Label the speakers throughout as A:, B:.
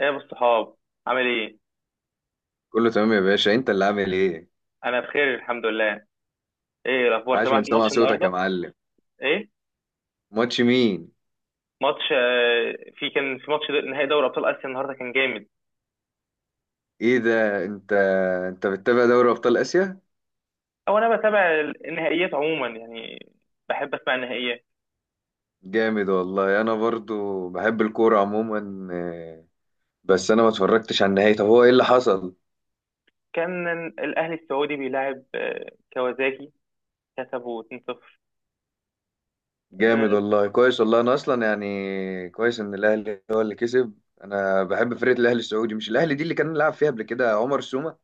A: ايه يا ابو الصحاب، عامل ايه؟
B: كله تمام يا باشا، انت اللي عامل ايه؟
A: انا بخير الحمد لله. ايه الاخبار،
B: عاش
A: سمعت
B: من سمع
A: الماتش
B: صوتك يا
A: النهارده؟
B: معلم.
A: ايه؟
B: ماتش مين؟
A: ماتش، في ماتش نهائي دوري ابطال اسيا النهارده، كان جامد.
B: ايه ده؟ انت، انت بتتابع دوري ابطال اسيا؟
A: او انا بتابع النهائيات عموما يعني، بحب اسمع النهائيات.
B: جامد والله. انا برضو بحب الكوره عموما، بس انا ما اتفرجتش على النهائي. طب هو ايه اللي حصل؟
A: كان الاهلي السعودي بيلاعب كوازاكي، كسبوا 2-0. آه،
B: جامد والله، كويس والله. انا اصلا يعني كويس ان الاهلي هو اللي كسب. انا بحب فرقه الاهلي السعودي، مش الاهلي دي اللي كان لعب فيها قبل كده عمر سومة.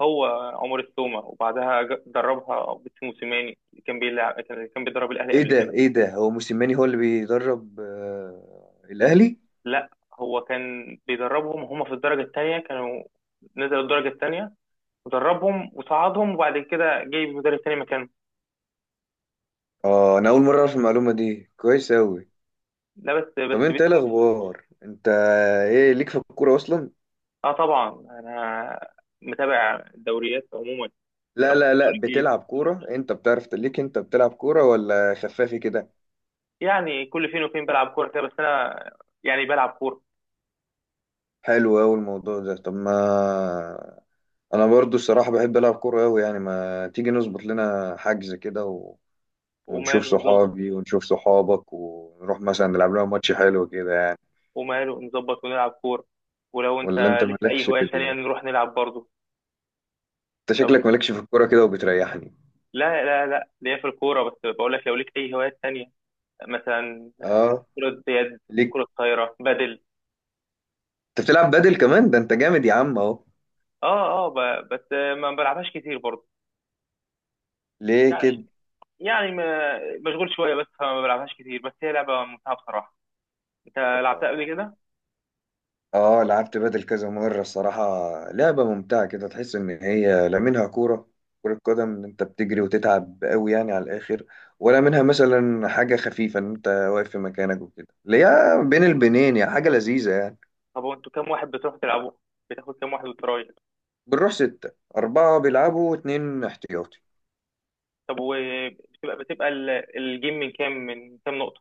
A: هو عمر السومة، وبعدها دربها عبد موسيماني اللي كان بيلعب، كان بيدرب الاهلي
B: ايه
A: قبل
B: ده
A: كده.
B: ايه ده هو موسيماني هو اللي بيدرب الاهلي؟
A: لا، هو كان بيدربهم هم في الدرجه الثانيه، كانوا نزلوا الدرجه الثانيه ودربهم وصعدهم، وبعد كده جايب مدرب تاني مكانه.
B: اه، انا اول مره اعرف المعلومه دي، كويس اوي.
A: لا بس
B: طب انت ايه
A: بيتلو.
B: الاخبار؟ انت ايه ليك في الكوره اصلا؟
A: اه طبعا، انا متابع الدوريات عموما،
B: لا
A: بالاخص
B: لا
A: الدوري
B: لا،
A: الانجليزي.
B: بتلعب كوره انت؟ بتعرف ليك؟ انت بتلعب كوره ولا خفافي كده؟
A: يعني كل فين وفين بلعب كوره كده، بس انا يعني بلعب كوره.
B: حلو اوي الموضوع ده. طب ما انا برضو الصراحه بحب العب كوره اوي يعني. ما تيجي نظبط لنا حجز كده و... ونشوف
A: وماله نظبط.
B: صحابي ونشوف صحابك ونروح مثلا نلعب لنا ماتش حلو كده يعني.
A: وماله نظبط ونلعب كوره. ولو انت
B: ولا انت
A: ليك في
B: مالكش
A: اي
B: في
A: هوايه تانية
B: ال...
A: نروح نلعب برضه.
B: انت
A: لو ليك،
B: شكلك مالكش في الكوره كده وبتريحني.
A: لا لا لا، ليا في الكوره، بس بقول لك لو ليك اي هوايات تانية، مثلا
B: اه
A: كرة يد،
B: ليك،
A: كرة طايرة، بدل.
B: انت بتلعب بدل كمان؟ ده انت جامد يا عم اهو.
A: اه اه، بس ما بلعبهاش كتير برضه.
B: ليه
A: يعني
B: كده؟
A: يعني مشغول شويه، بس فما بلعبهاش كتير، بس هي لعبه ممتعه بصراحه. انت لعبتها قبل كده؟
B: اه، لعبت بدل كذا مرة الصراحة. لعبة ممتعة كده، تحس إن هي لا منها كورة، كرة قدم إن أنت بتجري وتتعب قوي يعني على الآخر، ولا منها مثلا حاجة خفيفة إن أنت واقف في مكانك وكده، اللي هي بين البنين يعني، حاجة لذيذة يعني.
A: طب وانتوا كام واحد بتروحوا تلعبوا؟ بتاخد كام واحد وترايح؟
B: بنروح ستة، أربعة بيلعبوا واتنين احتياطي.
A: طب وبتبقى الجيم من كام نقطه؟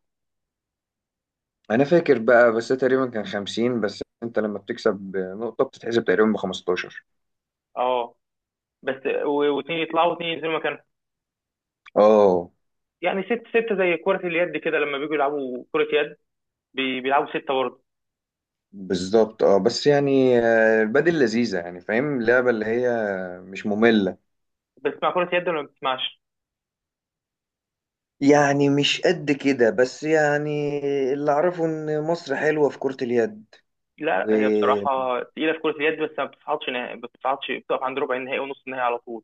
B: أنا فاكر بقى، بس ده تقريبا كان خمسين، بس أنت لما بتكسب نقطة بتتحسب تقريبا بخمستاشر.
A: اه، بس واثنين يطلعوا واثنين ينزلوا مكانهم.
B: اه.
A: يعني ستة زي كرة اليد كده، لما بيجوا يلعبوا كرة يد بيلعبوا ستة برضه.
B: بالظبط. اه بس يعني، البدل لذيذة يعني، فاهم؟ اللعبة اللي هي مش مملة.
A: بتسمع كرة يد ولا ما بتسمعش؟
B: يعني مش قد كده بس يعني، اللي اعرفه ان مصر حلوة في كرة اليد.
A: لا
B: و
A: هي بصراحة تقيلة في كرة اليد، بس ما بتصعدش نهائي، ما بتصعدش، بتقف عند ربع النهائي ونص النهائي على طول.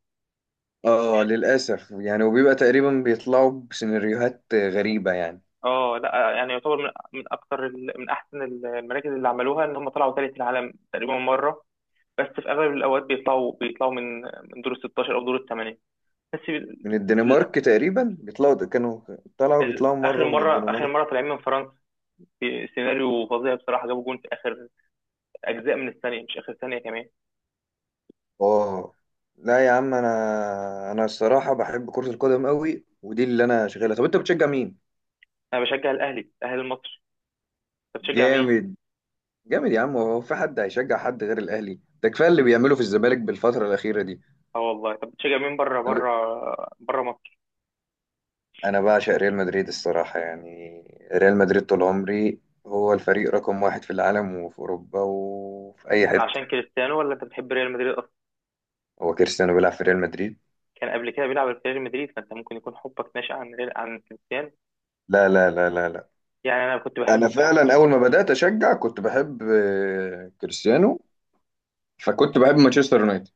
B: اه، للأسف يعني، وبيبقى تقريبا بيطلعوا بسيناريوهات غريبة يعني.
A: اه، لا يعني يعتبر من اكتر من احسن المراكز اللي عملوها، ان هم طلعوا ثالث العالم تقريبا مره. بس في اغلب الاوقات بيطلعوا من دور ال 16، او دور الثمانيه. بس
B: من الدنمارك تقريبا بيطلعوا كانوا، طلعوا بيطلعوا
A: اخر
B: مرة من
A: مره، اخر
B: الدنمارك.
A: مره طالعين من فرنسا، في سيناريو فظيع بصراحه، جابوا جون في اخر اجزاء من الثانيه، مش اخر ثانيه كمان.
B: اه لا يا عم، انا الصراحة بحب كرة القدم قوي، ودي اللي انا شغالها. طب انت بتشجع مين؟
A: انا بشجع الاهلي، الاهلي المصري. انت بتشجع مين؟
B: جامد. جامد يا عم، هو في حد هيشجع حد غير الاهلي؟ ده كفايه اللي بيعمله في الزمالك بالفتره الاخيره دي.
A: اه والله. طب بتشجع مين بره، بره، بره مصر؟
B: انا بعشق ريال مدريد الصراحه يعني، ريال مدريد طول عمري. هو الفريق رقم واحد في العالم وفي اوروبا وفي اي
A: ده
B: حته.
A: عشان كريستيانو، ولا انت بتحب ريال مدريد اصلا؟
B: هو كريستيانو بيلعب في ريال مدريد.
A: كان قبل كده بيلعب في ريال مدريد، فانت ممكن يكون حبك ناشئ عن ريال، عن كريستيانو.
B: لا لا لا لا لا.
A: يعني انا كنت
B: انا
A: بحب.
B: فعلا اول ما بدات اشجع كنت بحب كريستيانو، فكنت بحب مانشستر يونايتد.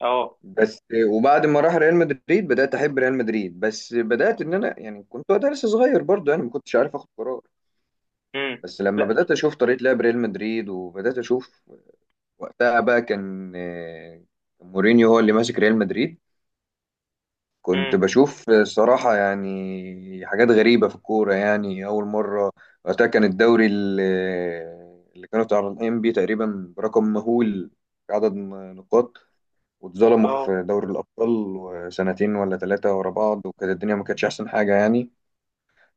A: اه.
B: بس وبعد ما راح ريال مدريد بدات احب ريال مدريد، بس بدات ان انا يعني كنت وقتها لسه صغير برضه يعني، ما كنتش عارف اخد قرار.
A: امم.
B: بس لما
A: لا.
B: بدات اشوف طريقه لعب ريال مدريد وبدات اشوف، وقتها بقى كان كان مورينيو هو اللي ماسك ريال مدريد. كنت
A: امم.
B: بشوف الصراحة يعني حاجات غريبة في الكورة يعني، أول مرة. وقتها كان الدوري اللي كانوا طالعين بيه تقريبا برقم مهول في عدد نقاط، واتظلموا
A: اه،
B: في دوري الأبطال سنتين ولا ثلاثة ورا بعض، وكانت الدنيا ما كانتش أحسن حاجة يعني.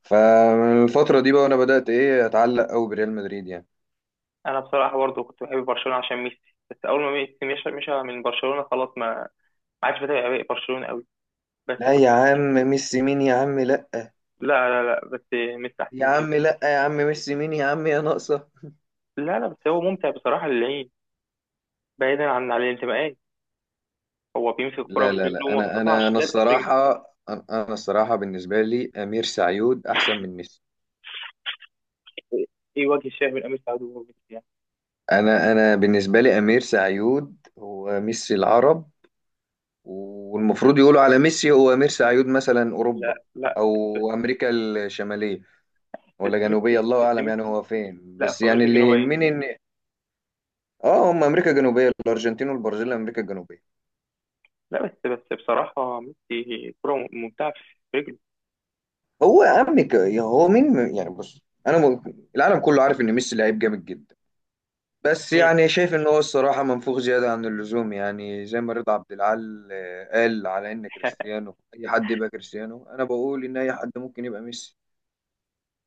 B: فمن الفترة دي بقى وأنا بدأت إيه أتعلق أوي بريال مدريد يعني.
A: انا بصراحه برضو كنت بحب برشلونه عشان ميسي، بس اول ما ميسي مشى، مشى من برشلونه، خلاص ما عادش بتابع بقى برشلونه قوي. بس
B: لا
A: كنت.
B: يا عم، ميسي مين يا عم؟ لا
A: لا لا لا، بس ميسي احسن
B: يا
A: من كده.
B: عم لا. يا عم ميسي مين يا عم، يا ناقصة.
A: لا لا، بس هو ممتع بصراحه للعين، بعيدا عن الانتماءات. هو بيمسك الكره
B: لا
A: في
B: لا
A: رجله،
B: لا،
A: وما
B: انا
A: بتقطعش
B: انا انا
A: لا في رجله.
B: الصراحة، انا الصراحة بالنسبة لي امير سعيود احسن من ميسي.
A: ايه؟ إيه وجه الشاه من امير سعود وهو ميسي يعني؟
B: انا بالنسبة لي امير سعيود هو ميسي العرب، والمفروض يقولوا على ميسي هو امير سعيود مثلا اوروبا،
A: لا لا،
B: او
A: بس.
B: امريكا الشمالية ولا جنوبية، الله
A: بس
B: اعلم يعني
A: ميسي.
B: هو فين،
A: لا،
B: بس
A: في
B: يعني
A: امريكا
B: اللي
A: الجنوبيه.
B: يهمني ان، اه هم امريكا الجنوبية، الارجنتين والبرازيل امريكا الجنوبية.
A: لا بس بصراحه ميسي كره ممتعه في رجله.
B: هو يا عم هو مين يعني؟ بص، انا م... العالم كله عارف ان ميسي لعيب جامد جدا، بس
A: مم.
B: يعني شايف ان هو الصراحه منفوخ زياده عن اللزوم يعني. زي ما رضا عبد العال قال على ان كريستيانو اي حد يبقى كريستيانو، انا بقول ان اي حد ممكن يبقى ميسي.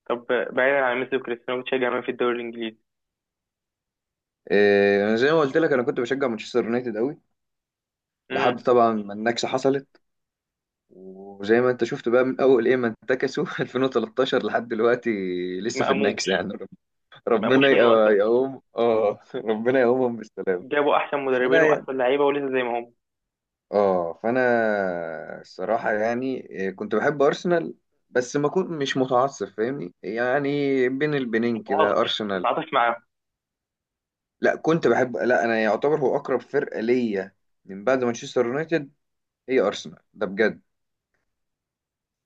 A: طب، بعيدا عن ميسي وكريستيانو، بتشجع مين في الدوري الانجليزي؟
B: انا زي ما قلت لك انا كنت بشجع مانشستر يونايتد قوي، لحد
A: امم.
B: طبعا ما النكسه حصلت. وزي ما انت شفت بقى من اول ايه ما انتكسوا 2013 لحد دلوقتي لسه
A: ما
B: في النكسه
A: قاموش.
B: يعني،
A: ما
B: ربنا
A: قاموش من وقتها،
B: يقوم اه ربنا يقومهم بالسلامه.
A: جابوا احسن مدربين
B: فانا يعني
A: واحسن لعيبه، ولسه زي ما هم.
B: اه، فانا الصراحه يعني إيه، كنت بحب ارسنال، بس ما كنت مش متعصب، فاهمني؟ يعني بين البنين
A: متعاطف
B: كده ارسنال.
A: متعاطف معاهم.
B: لا كنت بحب، لا انا يعتبر هو اقرب فرقه ليا من بعد مانشستر يونايتد هي ارسنال، ده بجد.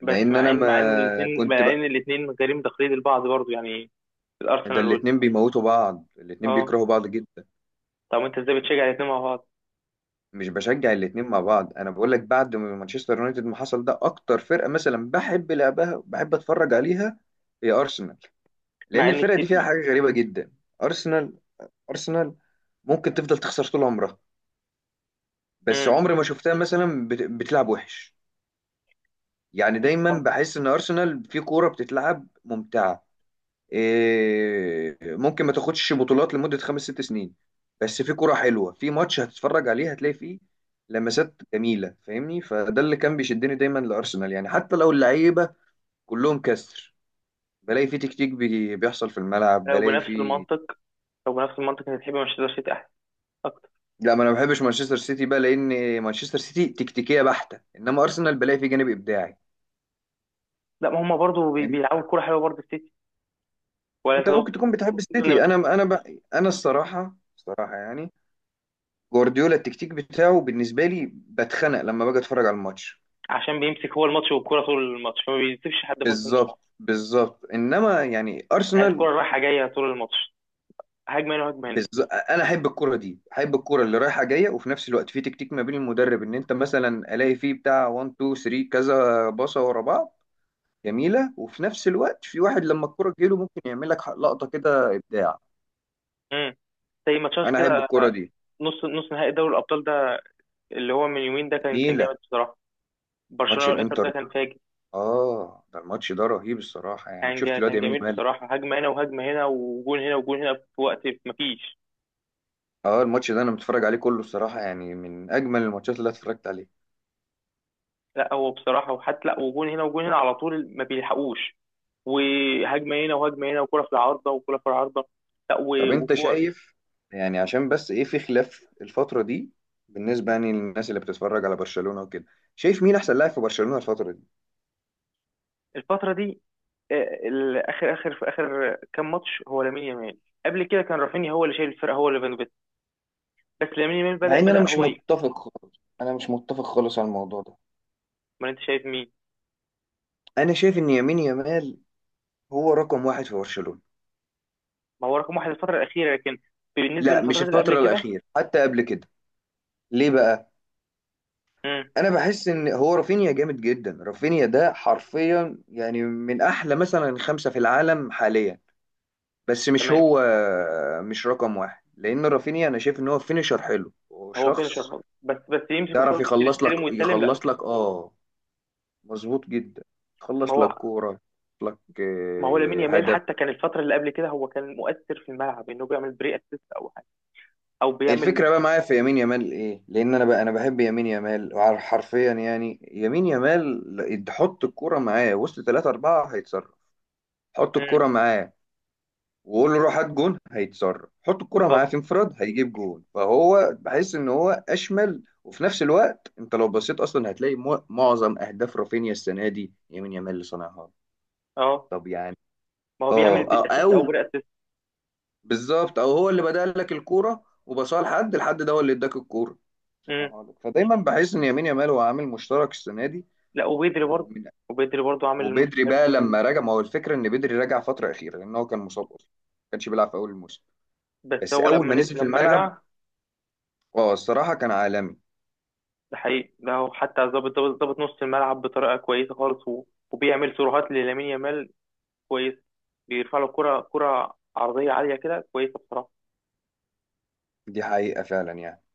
A: بس
B: لان
A: مع
B: انا
A: ان مع ان
B: ما كنت بقى،
A: الاثنين غريم تقليد البعض برضو يعني،
B: ده
A: الارسنال وال.
B: الاتنين بيموتوا بعض، الاتنين
A: اه.
B: بيكرهوا بعض جدا.
A: طب انت ازاي بتشجع الاثنين مع بعض؟
B: مش بشجع الاتنين مع بعض، انا بقول لك بعد ما مانشستر يونايتد ما حصل، ده اكتر فرقه مثلا بحب لعبها بحب اتفرج عليها هي ارسنال.
A: مع
B: لان
A: ان
B: الفرقه دي
A: في.
B: فيها حاجه غريبه جدا. ارسنال ارسنال ممكن تفضل تخسر طول عمرها، بس
A: امم.
B: عمري ما شفتها مثلا بتلعب وحش. يعني
A: بس
B: دايما
A: طب.
B: بحس ان ارسنال في كوره بتتلعب ممتعه. إيه، ممكن ما تاخدش بطولات لمده خمس ست سنين، بس في كوره حلوه، في ماتش هتتفرج عليه هتلاقي فيه لمسات جميله، فاهمني؟ فده اللي كان بيشدني دايما لارسنال يعني، حتى لو اللعيبه كلهم كسر، بلاقي في تكتيك بيحصل في الملعب،
A: لو
B: بلاقي
A: بنفس
B: في.
A: المنطق لو بنفس المنطق انت تحب مانشستر سيتي احسن، اكتر.
B: لا ما انا ما بحبش مانشستر سيتي بقى، لان مانشستر سيتي تكتيكيه بحته، انما ارسنال بلاقي فيه جانب ابداعي،
A: لا، ما هم برضو
B: فاهم؟
A: بيلعبوا كوره حلوه برضو، السيتي. ولا انت
B: انت ممكن تكون بتحب السيتي،
A: تقصد؟
B: انا الصراحه الصراحه يعني، جوارديولا التكتيك بتاعه بالنسبه لي بتخنق لما باجي اتفرج على الماتش.
A: عشان بيمسك هو الماتش والكرة طول الماتش، فما بيسيبش حد فرصة انه يلعب.
B: بالظبط بالظبط. انما يعني
A: عايز الكرة
B: ارسنال،
A: رايحة جاية طول الماتش، هجمة هنا هجمة هنا.
B: بالظبط انا احب الكره دي، احب الكره اللي رايحه جايه، وفي نفس الوقت في تكتيك ما بين المدرب ان انت مثلا الاقي فيه بتاع 1 2 3 كذا باصه ورا بعض جميله، وفي نفس الوقت في واحد لما الكره تجيله ممكن يعمل لك لقطه كده ابداع.
A: امم. زي ماتشات
B: انا احب
A: كده،
B: الكره دي
A: نص نهائي دوري الأبطال ده، اللي هو من يومين ده، كان جامد
B: جميله.
A: بصراحة.
B: ماتش
A: برشلونة والإنتر ده
B: الانتر،
A: كان فاجر.
B: اه ده الماتش ده رهيب الصراحه يعني. شفت الواد
A: كان
B: يمين
A: جميل
B: يامال؟
A: بصراحة، هجمة هنا وهجمة هنا، وجون هنا وجون هنا في وقت مفيش.
B: اه الماتش ده انا متفرج عليه كله الصراحه يعني، من اجمل الماتشات اللي أنا اتفرجت عليها.
A: لا هو بصراحة، وحتى لا، وجون هنا وجون هنا على طول، ما بيلحقوش. وهجمة هنا وهجمة هنا، وكرة في العارضة وكرة في العارضة. لا
B: طب انت
A: وكور.
B: شايف يعني، عشان بس ايه، في خلاف الفتره دي بالنسبه يعني للناس اللي بتتفرج على برشلونه وكده، شايف مين احسن لاعب في برشلونه الفتره دي؟
A: الفترة دي، اخر اخر في اخر كام ماتش هو لامين يامال. قبل كده كان رافينيا هو اللي شايل الفرقه، هو اللي بنبت. بس لامين يامال
B: مع
A: بدا
B: ان انا
A: بدا
B: مش
A: هو
B: متفق خالص، انا مش متفق خالص على الموضوع ده.
A: امال انت شايف مين؟
B: انا شايف ان يمين يامال هو رقم واحد في برشلونة.
A: ما هو رقم واحد الفتره الاخيره، لكن بالنسبه
B: لا مش
A: للفترات اللي قبل
B: الفترة
A: كده.
B: الأخيرة، حتى قبل كده. ليه بقى؟
A: امم.
B: أنا بحس إن هو رافينيا جامد جدا. رافينيا ده حرفيا يعني من أحلى مثلا خمسة في العالم حاليا، بس مش
A: تمام.
B: هو مش رقم واحد. لأن رافينيا أنا شايف إن هو فينيشر حلو
A: هو فينشر
B: وشخص
A: خالص، بس يمسك
B: يعرف
A: الكوره وينزل
B: يخلص لك،
A: يستلم ويسلم، لا.
B: يخلص لك آه، مظبوط جدا،
A: ما
B: يخلص لك
A: هو
B: كورة، يخلص لك
A: ما هو لامين يامال
B: هدف.
A: حتى كان الفتره اللي قبل كده، هو كان مؤثر في الملعب، انه بيعمل بري اسيست او حاجه، او بيعمل.
B: الفكرة بقى معايا في يمين يامال ايه؟ لأن أنا بقى أنا بحب يمين يامال، حرفيا يعني يمين يامال، حط الكورة معاه وسط ثلاثة أربعة هيتصرف، حط
A: امم.
B: الكورة معاه وقول له روح هات جون هيتصرف، حط الكورة معاه
A: بالظبط.
B: في انفراد هيجيب جون، فهو بحس إن هو أشمل. وفي نفس الوقت أنت لو بصيت أصلا هتلاقي معظم أهداف رافينيا السنة دي يمين يامال اللي صنعها.
A: اه.
B: طب يعني،
A: ما هو
B: أه
A: بيعمل
B: أو,
A: اسيست او
B: أو
A: بري اسيست.
B: بالظبط، أو هو اللي بدأ لك الكورة وبصاها لحد الحد ده، هو اللي اداك الكورة.
A: امم.
B: هقولك. فدايما بحس ان يمين يامال هو عامل مشترك السنه دي.
A: لا،
B: ومن،
A: وبيدري برضه عامل الموسم.
B: وبدري بقى لما رجع، ما هو الفكره ان بدري رجع فتره اخيره لان هو كان مصاب اصلا ما كانش بيلعب في اول الموسم،
A: بس
B: بس
A: هو
B: اول ما نزل في
A: لما
B: الملعب
A: رجع.
B: اه الصراحه كان عالمي.
A: ده حقيقي، ده هو حتى ظابط نص الملعب بطريقه كويسه خالص، وبيعمل سيروهات للامين يامال. كويس. بيرفع له كره عرضيه عاليه كده، كويسه بصراحه.
B: دي حقيقه فعلا يعني.